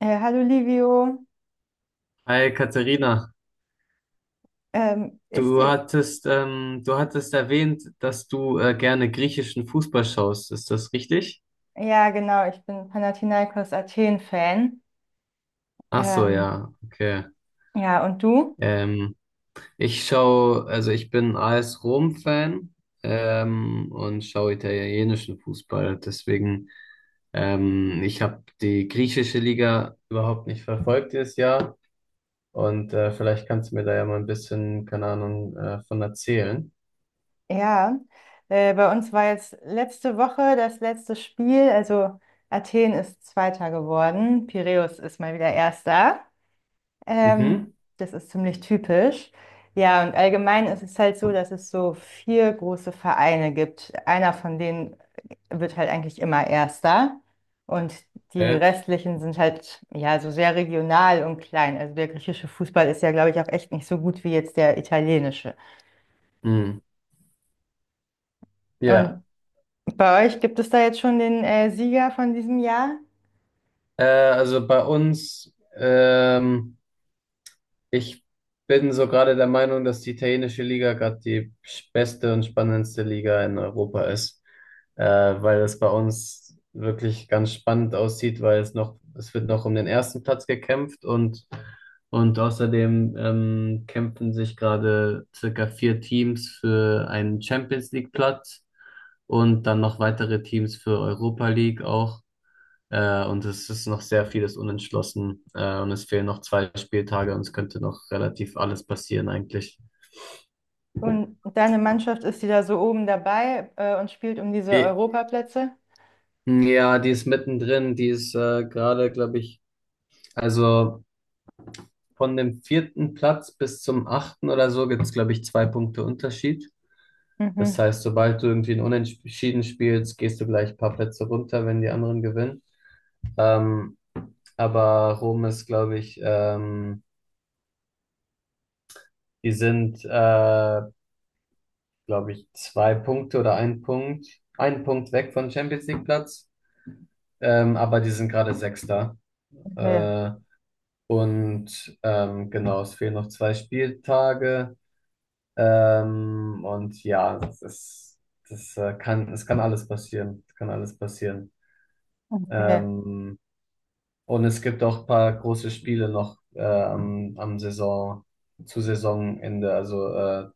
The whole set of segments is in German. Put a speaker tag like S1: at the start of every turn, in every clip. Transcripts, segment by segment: S1: Hallo Livio,
S2: Hi Katharina,
S1: ähm, ist die,
S2: du hattest erwähnt, dass du gerne griechischen Fußball schaust. Ist das richtig?
S1: ja genau, ich bin Panathinaikos Athen-Fan.
S2: Ach so,
S1: Ähm,
S2: ja, okay.
S1: ja, und du?
S2: Ähm, Ich schaue, also ich bin AS Rom-Fan und schaue italienischen Fußball. Ich habe die griechische Liga überhaupt nicht verfolgt dieses Jahr. Und vielleicht kannst du mir da ja mal ein bisschen, keine Ahnung, von erzählen.
S1: Ja, bei uns war jetzt letzte Woche das letzte Spiel, also Athen ist Zweiter geworden, Piräus ist mal wieder Erster. Ähm,
S2: Mhm.
S1: das ist ziemlich typisch. Ja, und allgemein ist es halt so, dass es so vier große Vereine gibt. Einer von denen wird halt eigentlich immer Erster. Und die
S2: Okay.
S1: restlichen sind halt ja so sehr regional und klein. Also der griechische Fußball ist ja, glaube ich, auch echt nicht so gut wie jetzt der italienische.
S2: Mhm. Ja.
S1: Und bei euch gibt es da jetzt schon den Sieger von diesem Jahr?
S2: Also bei uns, ich bin so gerade der Meinung, dass die italienische Liga gerade die beste und spannendste Liga in Europa ist, weil es bei uns wirklich ganz spannend aussieht, weil es wird noch um den ersten Platz gekämpft und außerdem kämpfen sich gerade circa vier Teams für einen Champions League Platz und dann noch weitere Teams für Europa League auch. Und es ist noch sehr vieles unentschlossen. Und es fehlen noch zwei Spieltage und es könnte noch relativ alles passieren eigentlich.
S1: Und deine Mannschaft ist die da so oben dabei und spielt um diese
S2: Eh,
S1: Europaplätze?
S2: Ja, die ist mittendrin, die ist gerade, glaube ich, also von dem vierten Platz bis zum achten oder so gibt es, glaube ich, zwei Punkte Unterschied. Das
S1: Mhm.
S2: heißt, sobald du irgendwie ein Unentschieden spielst, gehst du gleich ein paar Plätze runter, wenn die anderen gewinnen. Ähm, aber Rom ist, glaube ich, die sind glaube ich, zwei Punkte oder ein Punkt weg von Champions League Platz. Aber die sind gerade Sechster.
S1: Okay.
S2: Äh, genau, es fehlen noch zwei Spieltage. Und ja, es kann alles passieren. Es kann alles passieren.
S1: Okay.
S2: Ähm, und es gibt auch ein paar große Spiele noch am zu Saisonende. Also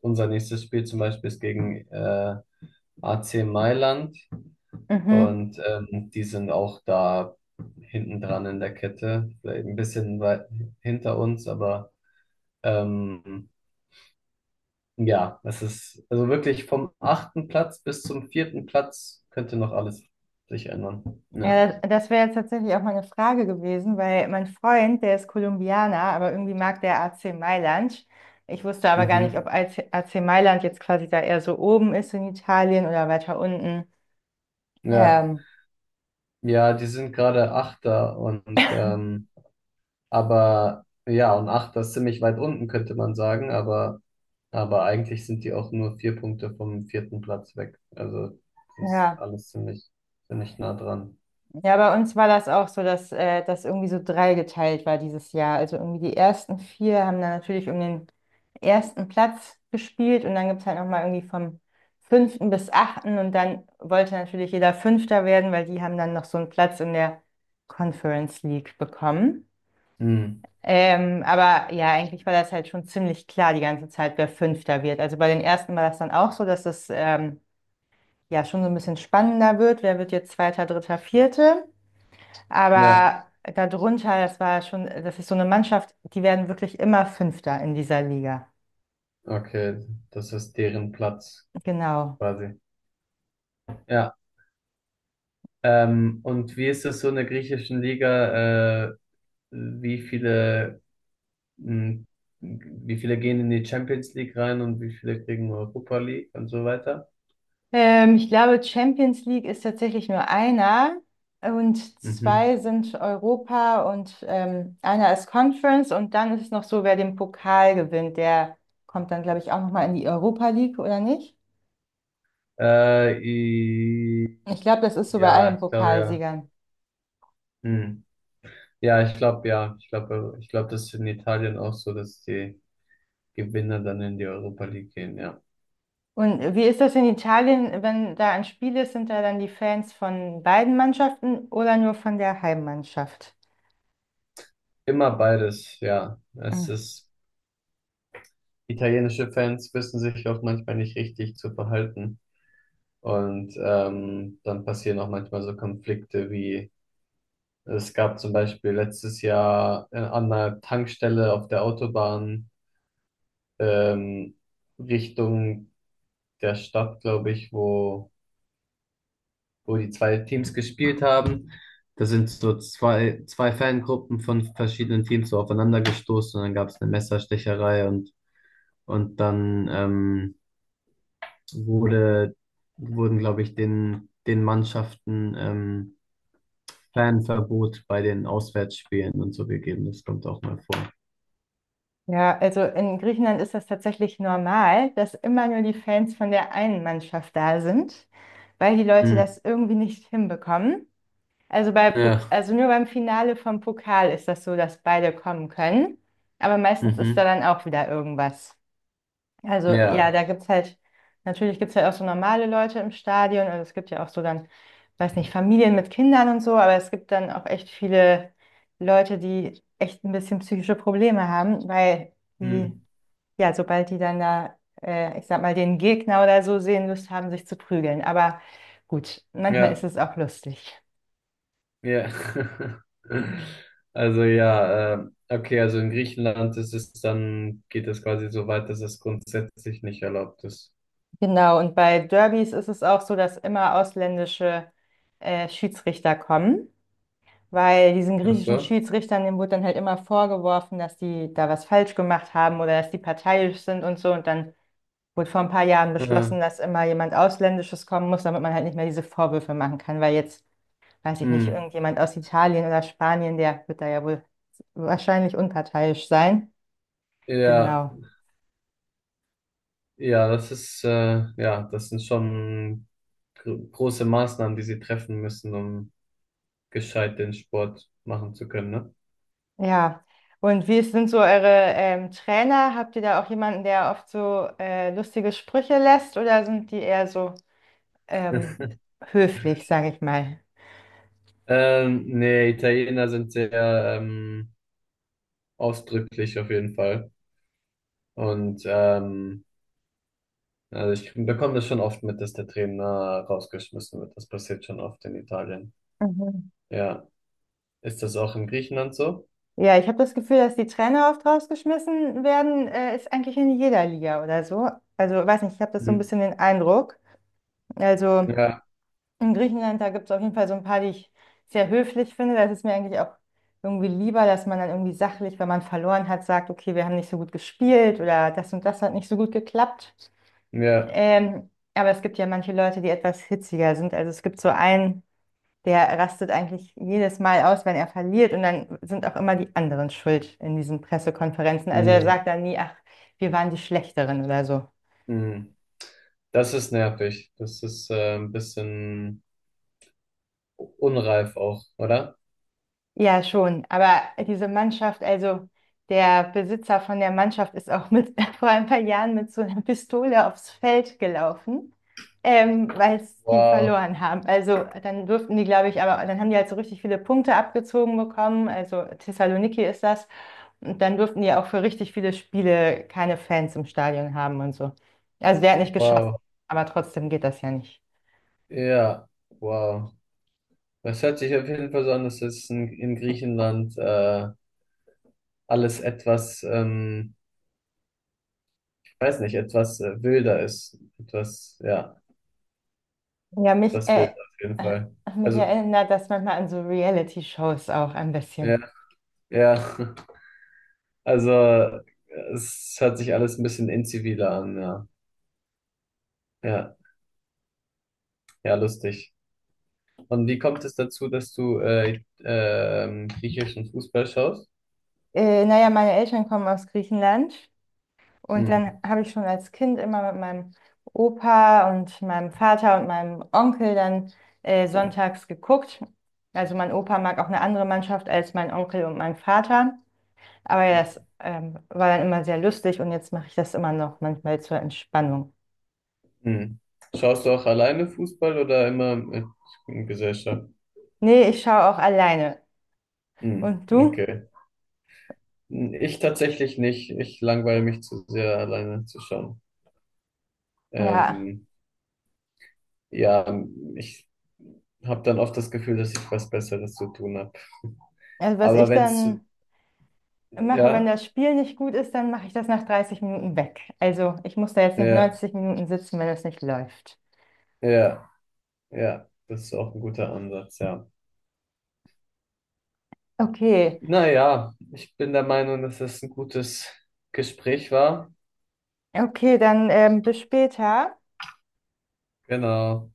S2: unser nächstes Spiel zum Beispiel ist gegen AC Mailand.
S1: Mhm.
S2: Und die sind auch da hinten dran in der Kette, vielleicht ein bisschen weit hinter uns, aber ähm, ja, es ist, also wirklich vom achten Platz bis zum vierten Platz könnte noch alles sich ändern. Ja,
S1: Ja, das, das wäre jetzt tatsächlich auch meine Frage gewesen, weil mein Freund, der ist Kolumbianer, aber irgendwie mag der AC Mailand. Ich wusste aber gar nicht, ob
S2: mhm.
S1: AC Mailand jetzt quasi da eher so oben ist in Italien oder weiter unten.
S2: Ja,
S1: Ähm,
S2: ja, die sind gerade Achter und aber ja, und Achter ist ziemlich weit unten, könnte man sagen, aber eigentlich sind die auch nur vier Punkte vom vierten Platz weg. Also das ist
S1: ja.
S2: alles ziemlich, ziemlich nah dran.
S1: Ja, bei uns war das auch so, dass das irgendwie so dreigeteilt war dieses Jahr. Also irgendwie die ersten vier haben dann natürlich um den ersten Platz gespielt und dann gibt es halt nochmal irgendwie vom fünften bis achten und dann wollte natürlich jeder Fünfter werden, weil die haben dann noch so einen Platz in der Conference League bekommen.
S2: Hm.
S1: Aber ja, eigentlich war das halt schon ziemlich klar die ganze Zeit, wer Fünfter wird. Also bei den ersten war das dann auch so, dass es ja schon so ein bisschen spannender wird. Wer wird jetzt Zweiter, Dritter, Vierte?
S2: Ja,
S1: Aber darunter, das war schon, das ist so eine Mannschaft, die werden wirklich immer Fünfter in dieser Liga.
S2: okay, das ist deren Platz
S1: Genau.
S2: quasi. Ja, und wie ist das so in der griechischen Liga? Wie viele, hm, wie viele gehen in die Champions League rein und wie viele kriegen Europa League und so weiter?
S1: Ich glaube, Champions League ist tatsächlich nur einer und
S2: Mhm.
S1: zwei sind Europa und einer ist Conference und dann ist es noch so, wer den Pokal gewinnt, der kommt dann, glaube ich, auch nochmal in die Europa League, oder nicht?
S2: Äh,
S1: Ich glaube, das ist so bei
S2: Ja,
S1: allen
S2: ich glaube ja.
S1: Pokalsiegern.
S2: Hm. Ja, ich glaube ja. Ich glaube, das ist in Italien auch so, dass die Gewinner dann in die Europa League gehen, ja.
S1: Und wie ist das in Italien, wenn da ein Spiel ist, sind da dann die Fans von beiden Mannschaften oder nur von der Heimmannschaft?
S2: Immer beides, ja.
S1: Mhm.
S2: Italienische Fans wissen sich auch manchmal nicht richtig zu verhalten. Und dann passieren auch manchmal so Konflikte wie, es gab zum Beispiel letztes Jahr an einer Tankstelle auf der Autobahn ähm, Richtung der Stadt, glaube ich, wo wo die zwei Teams gespielt haben. Da sind so zwei Fangruppen von verschiedenen Teams so aufeinander gestoßen und dann gab es eine Messerstecherei und dann wurde, wurden, glaube ich, den Mannschaften Fanverbot bei den Auswärtsspielen und so gegeben. Das kommt auch mal vor.
S1: Ja, also in Griechenland ist das tatsächlich normal, dass immer nur die Fans von der einen Mannschaft da sind, weil die Leute
S2: Hm.
S1: das irgendwie nicht hinbekommen. Also bei,
S2: Ja.
S1: Also nur beim Finale vom Pokal ist das so, dass beide kommen können. Aber meistens ist da
S2: Mhm.
S1: dann auch wieder irgendwas. Also ja,
S2: Ja.
S1: da gibt's halt, natürlich gibt's ja halt auch so normale Leute im Stadion. Also es gibt ja auch so dann, weiß nicht, Familien mit Kindern und so, aber es gibt dann auch echt viele Leute, die echt ein bisschen psychische Probleme haben, weil die,
S2: Hm.
S1: ja, sobald die dann da, ich sag mal, den Gegner oder so sehen, Lust haben, sich zu prügeln. Aber gut, manchmal ist
S2: Ja.
S1: es auch lustig.
S2: Ja. Also ja, okay, also in Griechenland ist es dann, geht es quasi so weit, dass es grundsätzlich nicht erlaubt ist.
S1: Genau, und bei Derbys ist es auch so, dass immer ausländische Schiedsrichter kommen. Weil diesen
S2: Ach
S1: griechischen
S2: so?
S1: Schiedsrichtern, dem wurde dann halt immer vorgeworfen, dass die da was falsch gemacht haben oder dass die parteiisch sind und so. Und dann wurde vor ein paar Jahren
S2: Äh,
S1: beschlossen, dass immer jemand Ausländisches kommen muss, damit man halt nicht mehr diese Vorwürfe machen kann. Weil jetzt, weiß ich nicht,
S2: hm.
S1: irgendjemand aus Italien oder Spanien, der wird da ja wohl wahrscheinlich unparteiisch sein.
S2: Ja,
S1: Genau.
S2: ja, ja, das sind schon große Maßnahmen, die sie treffen müssen, um gescheit den Sport machen zu können, ne?
S1: Ja. Und wie sind so eure Trainer? Habt ihr da auch jemanden, der oft so lustige Sprüche lässt oder sind die eher so ähm, höflich, sage ich mal?
S2: Nee, Italiener sind sehr ähm, ausdrücklich auf jeden Fall. Und ähm, Also ich bekomme das schon oft mit, dass der Trainer rausgeschmissen wird. Das passiert schon oft in Italien.
S1: Mhm.
S2: Ja. Ist das auch in Griechenland so?
S1: Ja, ich habe das Gefühl, dass die Trainer oft rausgeschmissen werden, ist eigentlich in jeder Liga oder so. Also, weiß nicht, ich habe das so ein
S2: Mhm.
S1: bisschen den Eindruck. Also,
S2: Ja,
S1: in Griechenland, da gibt es auf jeden Fall so ein paar, die ich sehr höflich finde. Das ist mir eigentlich auch irgendwie lieber, dass man dann irgendwie sachlich, wenn man verloren hat, sagt, okay, wir haben nicht so gut gespielt oder das und das hat nicht so gut geklappt.
S2: ja.
S1: Aber es gibt ja manche Leute, die etwas hitziger sind. Also, es gibt so einen. Der rastet eigentlich jedes Mal aus, wenn er verliert. Und dann sind auch immer die anderen schuld in diesen Pressekonferenzen. Also er
S2: Mm,
S1: sagt dann nie, ach, wir waren die Schlechteren oder so.
S2: mm. Das ist nervig. Das ist ein bisschen unreif auch, oder?
S1: Ja, schon. Aber diese Mannschaft, also der Besitzer von der Mannschaft ist auch mit, vor ein paar Jahren mit so einer Pistole aufs Feld gelaufen, weil es die
S2: Wow,
S1: verloren haben. Also dann durften die, glaube ich, aber dann haben die halt so richtig viele Punkte abgezogen bekommen. Also Thessaloniki ist das. Und dann durften die auch für richtig viele Spiele keine Fans im Stadion haben und so. Also der hat nicht geschossen,
S2: wow.
S1: aber trotzdem geht das ja nicht.
S2: Ja, wow. Das hört sich auf jeden Fall so an, dass es in Griechenland alles etwas, ich weiß nicht, etwas wilder ist. Etwas, ja,
S1: Ja,
S2: etwas wilder auf jeden
S1: äh,
S2: Fall.
S1: mich
S2: Also,
S1: erinnert das manchmal an so Reality-Shows auch ein bisschen.
S2: ja. Ja, also es hört sich alles ein bisschen inziviler an, ja. Ja, ja, lustig. Und wie kommt es dazu, dass du griechischen Fußball schaust?
S1: Naja, meine Eltern kommen aus Griechenland und
S2: Hm.
S1: dann habe ich schon als Kind immer mit meinem Opa und meinem Vater und meinem Onkel dann sonntags geguckt. Also mein Opa mag auch eine andere Mannschaft als mein Onkel und mein Vater. Aber ja,
S2: Mhm.
S1: das war dann immer sehr lustig und jetzt mache ich das immer noch manchmal zur Entspannung.
S2: Hm. Schaust du auch alleine Fußball oder immer mit Gesellschaft?
S1: Nee, ich schaue auch alleine.
S2: Hm.
S1: Und du?
S2: Okay. Hm, ich tatsächlich nicht. Ich langweile mich zu sehr, alleine zu schauen.
S1: Ja,
S2: Ähm, ja, ich habe dann oft das Gefühl, dass ich was Besseres zu tun habe.
S1: also was
S2: Aber
S1: ich
S2: wenn es,
S1: dann mache, wenn
S2: Ja.
S1: das Spiel nicht gut ist, dann mache ich das nach 30 Minuten weg. Also ich muss da jetzt nicht
S2: Ja,
S1: 90 Minuten sitzen, wenn es nicht läuft.
S2: ja, ja, das ist auch ein guter Ansatz, ja.
S1: Okay,
S2: Naja, ich bin der Meinung, dass es ein gutes Gespräch war.
S1: okay, dann bis später.
S2: Genau.